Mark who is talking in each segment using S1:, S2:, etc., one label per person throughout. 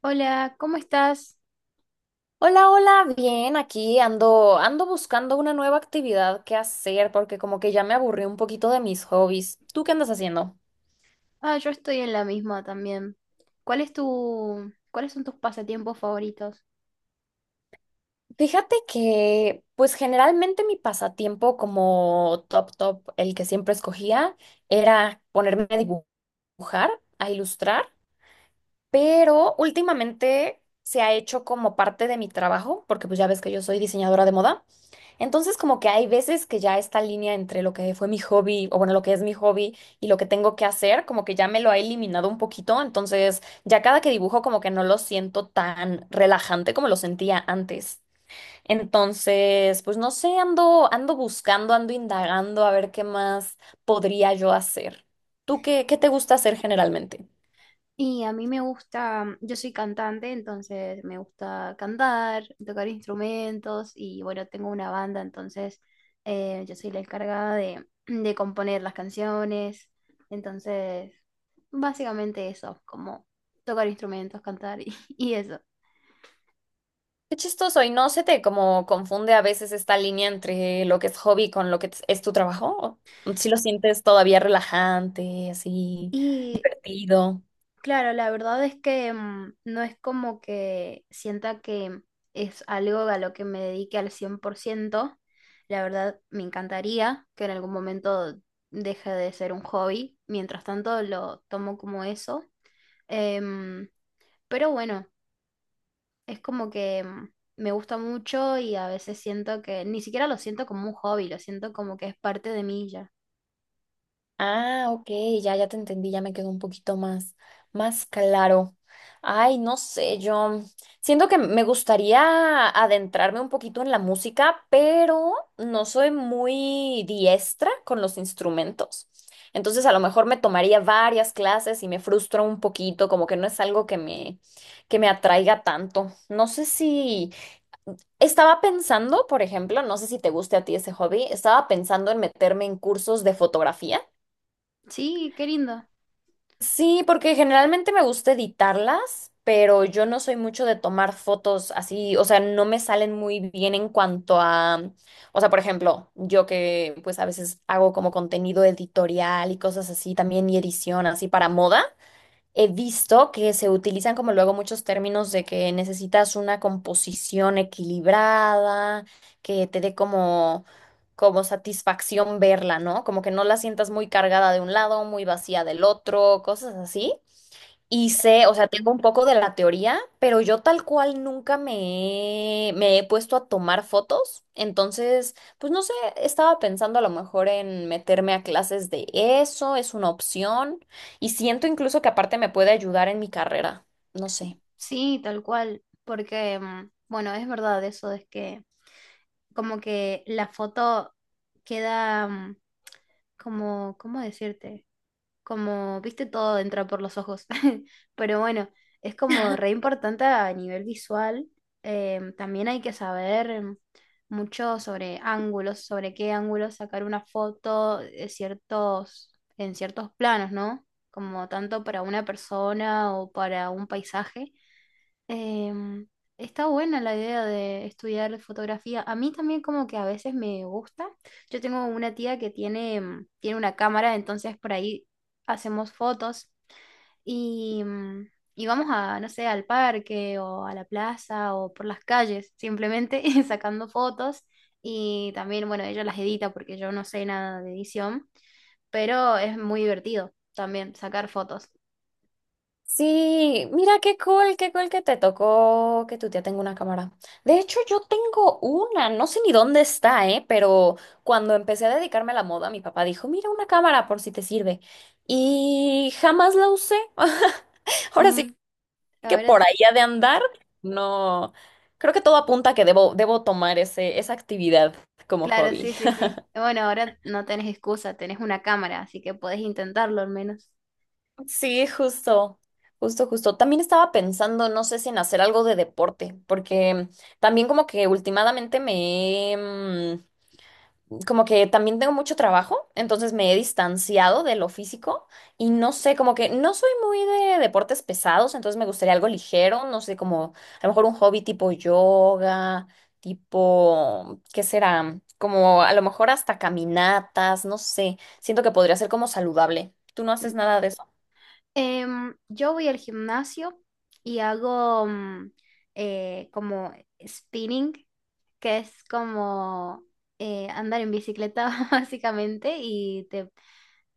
S1: Hola, ¿cómo estás?
S2: Hola, hola, bien, aquí ando buscando una nueva actividad que hacer porque como que ya me aburrí un poquito de mis hobbies. ¿Tú qué andas haciendo?
S1: Ah, yo estoy en la misma también. ¿Cuál es cuáles son tus pasatiempos favoritos?
S2: Fíjate que, pues generalmente mi pasatiempo como top top, el que siempre escogía, era ponerme a dibujar, a ilustrar, pero últimamente se ha hecho como parte de mi trabajo, porque pues ya ves que yo soy diseñadora de moda. Entonces, como que hay veces que ya esta línea entre lo que fue mi hobby, o bueno, lo que es mi hobby y lo que tengo que hacer, como que ya me lo ha eliminado un poquito. Entonces, ya cada que dibujo, como que no lo siento tan relajante como lo sentía antes. Entonces, pues no sé, ando buscando, ando indagando a ver qué más podría yo hacer. ¿Tú qué te gusta hacer generalmente?
S1: Y a mí me gusta, yo soy cantante, entonces me gusta cantar, tocar instrumentos y bueno, tengo una banda, entonces yo soy la encargada de componer las canciones. Entonces, básicamente eso, como tocar instrumentos, cantar y, y eso.
S2: Qué chistoso, ¿y no se te como confunde a veces esta línea entre lo que es hobby con lo que es tu trabajo? ¿O si lo sientes todavía relajante, así,
S1: Y
S2: divertido?
S1: claro, la verdad es que no es como que sienta que es algo a lo que me dedique al 100%. La verdad, me encantaría que en algún momento deje de ser un hobby. Mientras tanto, lo tomo como eso. Em, pero bueno, es como que me gusta mucho y a veces siento que ni siquiera lo siento como un hobby, lo siento como que es parte de mí ya.
S2: Ah, ok, ya te entendí, ya me quedó un poquito más claro. Ay, no sé, yo siento que me gustaría adentrarme un poquito en la música, pero no soy muy diestra con los instrumentos. Entonces, a lo mejor me tomaría varias clases y me frustro un poquito, como que no es algo que me atraiga tanto. No sé si estaba pensando, por ejemplo, no sé si te guste a ti ese hobby, estaba pensando en meterme en cursos de fotografía.
S1: Sí, qué lindo.
S2: Sí, porque generalmente me gusta editarlas, pero yo no soy mucho de tomar fotos así, o sea, no me salen muy bien en cuanto a, o sea, por ejemplo, yo que pues a veces hago como contenido editorial y cosas así también y edición así para moda. He visto que se utilizan como luego muchos términos de que necesitas una composición equilibrada, que te dé como satisfacción verla, ¿no? Como que no la sientas muy cargada de un lado, muy vacía del otro, cosas así. Y sé, o sea, tengo un poco de la teoría, pero yo tal cual nunca me he puesto a tomar fotos. Entonces, pues no sé, estaba pensando a lo mejor en meterme a clases de eso, es una opción. Y siento incluso que aparte me puede ayudar en mi carrera. No sé.
S1: Sí, tal cual. Porque, bueno, es verdad eso, es que como que la foto queda como, ¿cómo decirte? Como, viste, todo entra por los ojos. Pero bueno, es como re importante a nivel visual. También hay que saber mucho sobre ángulos, sobre qué ángulos sacar una foto de en ciertos planos, ¿no? Como tanto para una persona o para un paisaje. Em, Está buena la idea de estudiar fotografía. A mí también como que a veces me gusta. Yo tengo una tía que tiene una cámara, entonces por ahí hacemos fotos y, y vamos a, no sé, al parque o a la plaza o por las calles, simplemente sacando fotos. Y también, bueno, ella las edita porque yo no sé nada de edición, pero es muy divertido también sacar fotos.
S2: Sí, mira qué cool que te tocó que tu tía tenga una cámara. De hecho, yo tengo una, no sé ni dónde está, ¿eh? Pero cuando empecé a dedicarme a la moda, mi papá dijo, mira una cámara por si te sirve. Y jamás la usé. Ahora
S1: Mm,
S2: sí que
S1: Ahora
S2: por ahí ha de andar. No, creo que todo apunta a que debo tomar esa actividad como
S1: claro,
S2: hobby.
S1: sí, sí, sí. Bueno, ahora no tenés excusa, tenés una cámara, así que podés intentarlo al menos.
S2: Sí, justo, justo, justo. También estaba pensando, no sé si en hacer algo de deporte, porque también como que últimamente como que también tengo mucho trabajo, entonces me he distanciado de lo físico y no sé, como que no soy muy de deportes pesados, entonces me gustaría algo ligero, no sé, como a lo mejor un hobby tipo yoga, tipo, ¿qué será? Como a lo mejor hasta caminatas, no sé. Siento que podría ser como saludable. ¿Tú no haces
S1: N-
S2: nada de eso?
S1: yo voy al gimnasio y hago como spinning, que es como andar en bicicleta básicamente y te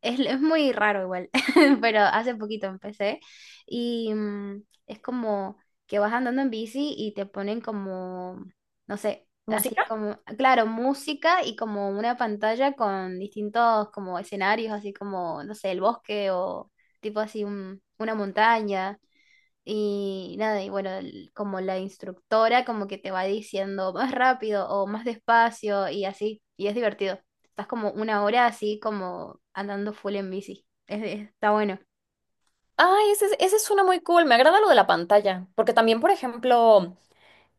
S1: es muy raro igual. Pero hace poquito empecé y es como que vas andando en bici y te ponen como, no sé, así
S2: ¿Música?
S1: como, claro, música y como una pantalla con distintos como escenarios, así como, no sé, el bosque o tipo así una montaña y nada, y bueno, como la instructora como que te va diciendo más rápido o más despacio y así, y es divertido. Estás como una hora así como andando full en bici. Está bueno.
S2: Ay, esa es una muy cool. Me agrada lo de la pantalla, porque también, por ejemplo,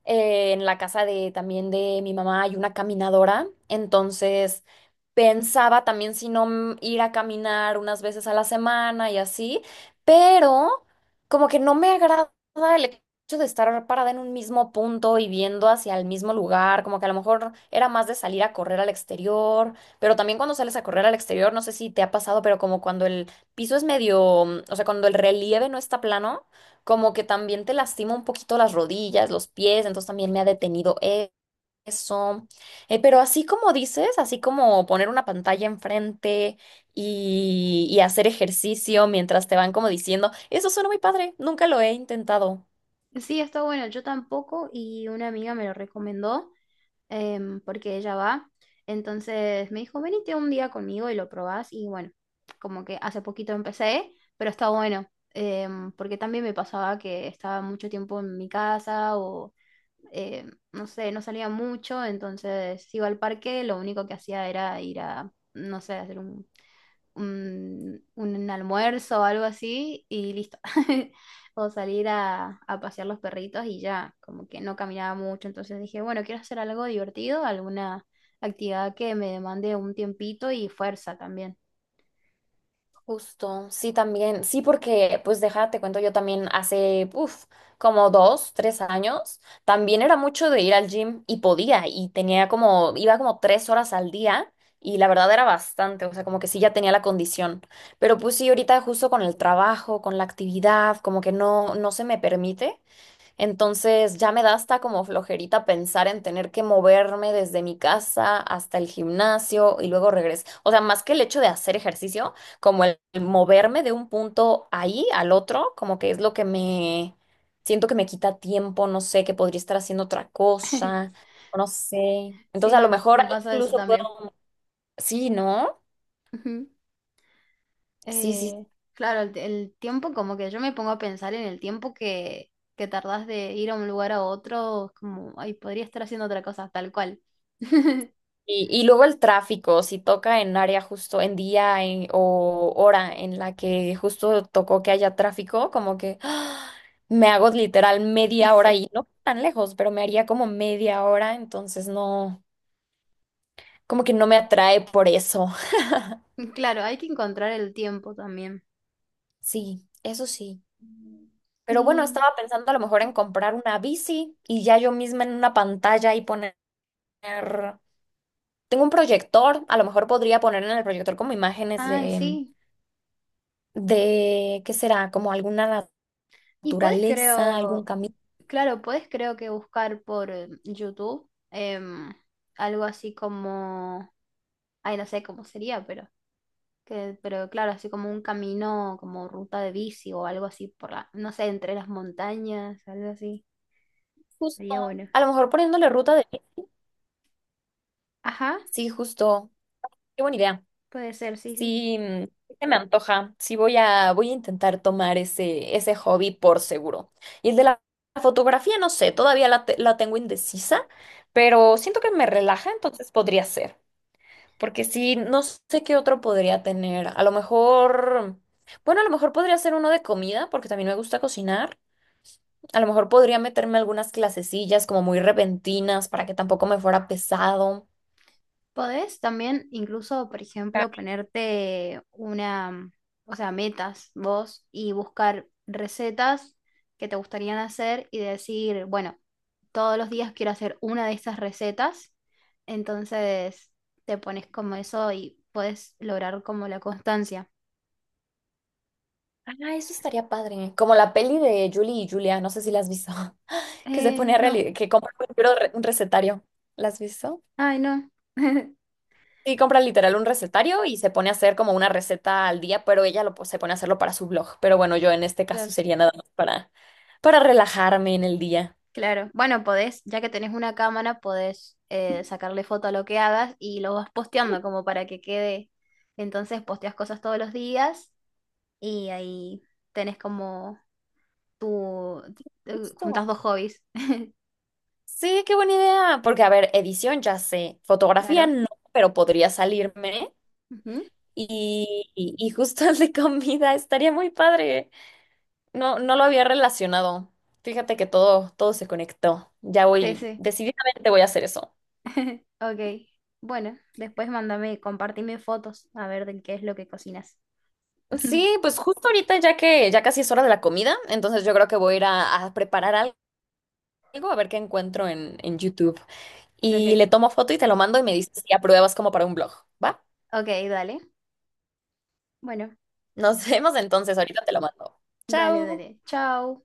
S2: en la casa de también de mi mamá hay una caminadora, entonces pensaba también si no ir a caminar unas veces a la semana y así, pero como que no me agrada el hecho de estar parada en un mismo punto y viendo hacia el mismo lugar, como que a lo mejor era más de salir a correr al exterior, pero también cuando sales a correr al exterior, no sé si te ha pasado, pero como cuando el piso es medio, o sea, cuando el relieve no está plano como que también te lastima un poquito las rodillas, los pies, entonces también me ha detenido eso. Pero así como dices, así como poner una pantalla enfrente y hacer ejercicio mientras te van como diciendo, eso suena muy padre, nunca lo he intentado.
S1: Sí, está bueno, yo tampoco y una amiga me lo recomendó. Em, porque ella va. Entonces me dijo, venite un día conmigo y lo probás. Y bueno, como que hace poquito empecé, pero está bueno, porque también me pasaba que estaba mucho tiempo en mi casa o eh, no sé, no salía mucho, entonces iba al parque, lo único que hacía era ir a, no sé, hacer un almuerzo o algo así y listo. O salir a pasear los perritos y ya, como que no caminaba mucho, entonces dije, bueno, quiero hacer algo divertido, alguna actividad que me demande un tiempito y fuerza también.
S2: Justo, sí, también, sí, porque, pues déjate, te cuento, yo también hace, uff, como 2, 3 años, también era mucho de ir al gym y podía, y tenía como, iba como 3 horas al día, y la verdad era bastante, o sea, como que sí ya tenía la condición, pero pues sí, ahorita justo con el trabajo, con la actividad, como que no, no se me permite, entonces ya me da hasta como flojerita pensar en tener que moverme desde mi casa hasta el gimnasio y luego regresar. O sea, más que el hecho de hacer ejercicio, como el moverme de un punto ahí al otro, como que es lo que me siento que me quita tiempo, no sé, que podría estar haciendo otra cosa, no sé.
S1: Sí,
S2: Entonces a lo mejor
S1: me pasa eso
S2: incluso
S1: también.
S2: puedo... Sí, ¿no?
S1: Ujú.
S2: Sí, sí,
S1: Eh, claro, el tiempo, como que yo me pongo a pensar en el tiempo que tardás de ir a un lugar a otro, es como, ay, podría estar haciendo otra cosa, tal cual.
S2: Y luego el tráfico, si toca en área justo en día o hora en la que justo tocó que haya tráfico, como que ¡ah! Me hago literal media hora
S1: Sí.
S2: y no tan lejos, pero me haría como media hora, entonces no, como que no me atrae por eso.
S1: Claro, hay que encontrar el tiempo también.
S2: Sí, eso sí. Pero bueno,
S1: Y,
S2: estaba pensando a lo mejor en comprar una bici y ya yo misma en una pantalla y poner... Tengo un proyector, a lo mejor podría poner en el proyector como imágenes
S1: ay,
S2: de
S1: sí.
S2: de, ¿qué será? Como alguna
S1: Y podés,
S2: naturaleza, algún
S1: creo,
S2: camino,
S1: claro, podés, creo que buscar por YouTube. Algo así como, ay, no sé cómo sería, pero, que, pero claro, así como un camino, como ruta de bici o algo así por la, no sé, entre las montañas, algo así.
S2: justo,
S1: Sería bueno.
S2: a lo mejor poniéndole ruta de...
S1: Ajá,
S2: Sí, justo, qué buena idea.
S1: puede ser, sí, sí.
S2: Sí, sí se me antoja. Sí, voy a intentar tomar ese hobby por seguro. Y el de la fotografía, no sé, todavía la tengo indecisa, pero siento que me relaja, entonces podría ser. Porque sí, no sé qué otro podría tener. A lo mejor, bueno, a lo mejor podría ser uno de comida, porque también me gusta cocinar. A lo mejor podría meterme algunas clasecillas como muy repentinas para que tampoco me fuera pesado.
S1: Podés también incluso, por
S2: Ah,
S1: ejemplo, ponerte una, o sea, metas vos y buscar recetas que te gustarían hacer y decir, bueno, todos los días quiero hacer una de estas recetas. Entonces te pones como eso y puedes lograr como la constancia.
S2: eso estaría padre. Como la peli de Julie y Julia, no sé si la has visto, que se pone a
S1: No,
S2: que compra un libro, un recetario. ¿La has visto?
S1: ay, no.
S2: Sí, compra literal
S1: Sí,
S2: un recetario y se pone a hacer como una receta al día, pero ella se pone a hacerlo para su blog. Pero bueno, yo en este caso
S1: claro.
S2: sería nada más para relajarme en el día.
S1: Claro. Bueno, podés, ya que tenés una cámara, podés sacarle foto a lo que hagas y lo vas posteando como para que quede. Entonces posteas cosas todos los días y ahí tenés como tu,
S2: Justo.
S1: juntas dos hobbies.
S2: Sí, qué buena idea. Porque, a ver, edición ya sé, fotografía
S1: Claro.
S2: no, pero podría salirme.
S1: Ujú.
S2: Y justo el de comida estaría muy padre. No, no lo había relacionado. Fíjate que todo, todo se conectó. Ya
S1: Sí,
S2: voy,
S1: sí.
S2: decididamente voy a hacer eso.
S1: Ok. Bueno, después mándame, compartime fotos a ver de qué es lo que cocinas.
S2: Sí, pues justo ahorita ya que ya casi es hora de la comida, entonces yo creo que voy a ir a preparar algo, a ver qué encuentro en YouTube. Y
S1: Ok.
S2: le tomo foto y te lo mando y me dices si apruebas como para un blog, ¿va?
S1: Ok, dale. Bueno,
S2: Nos vemos entonces, ahorita te lo mando.
S1: dale,
S2: Chao.
S1: dale. Chao.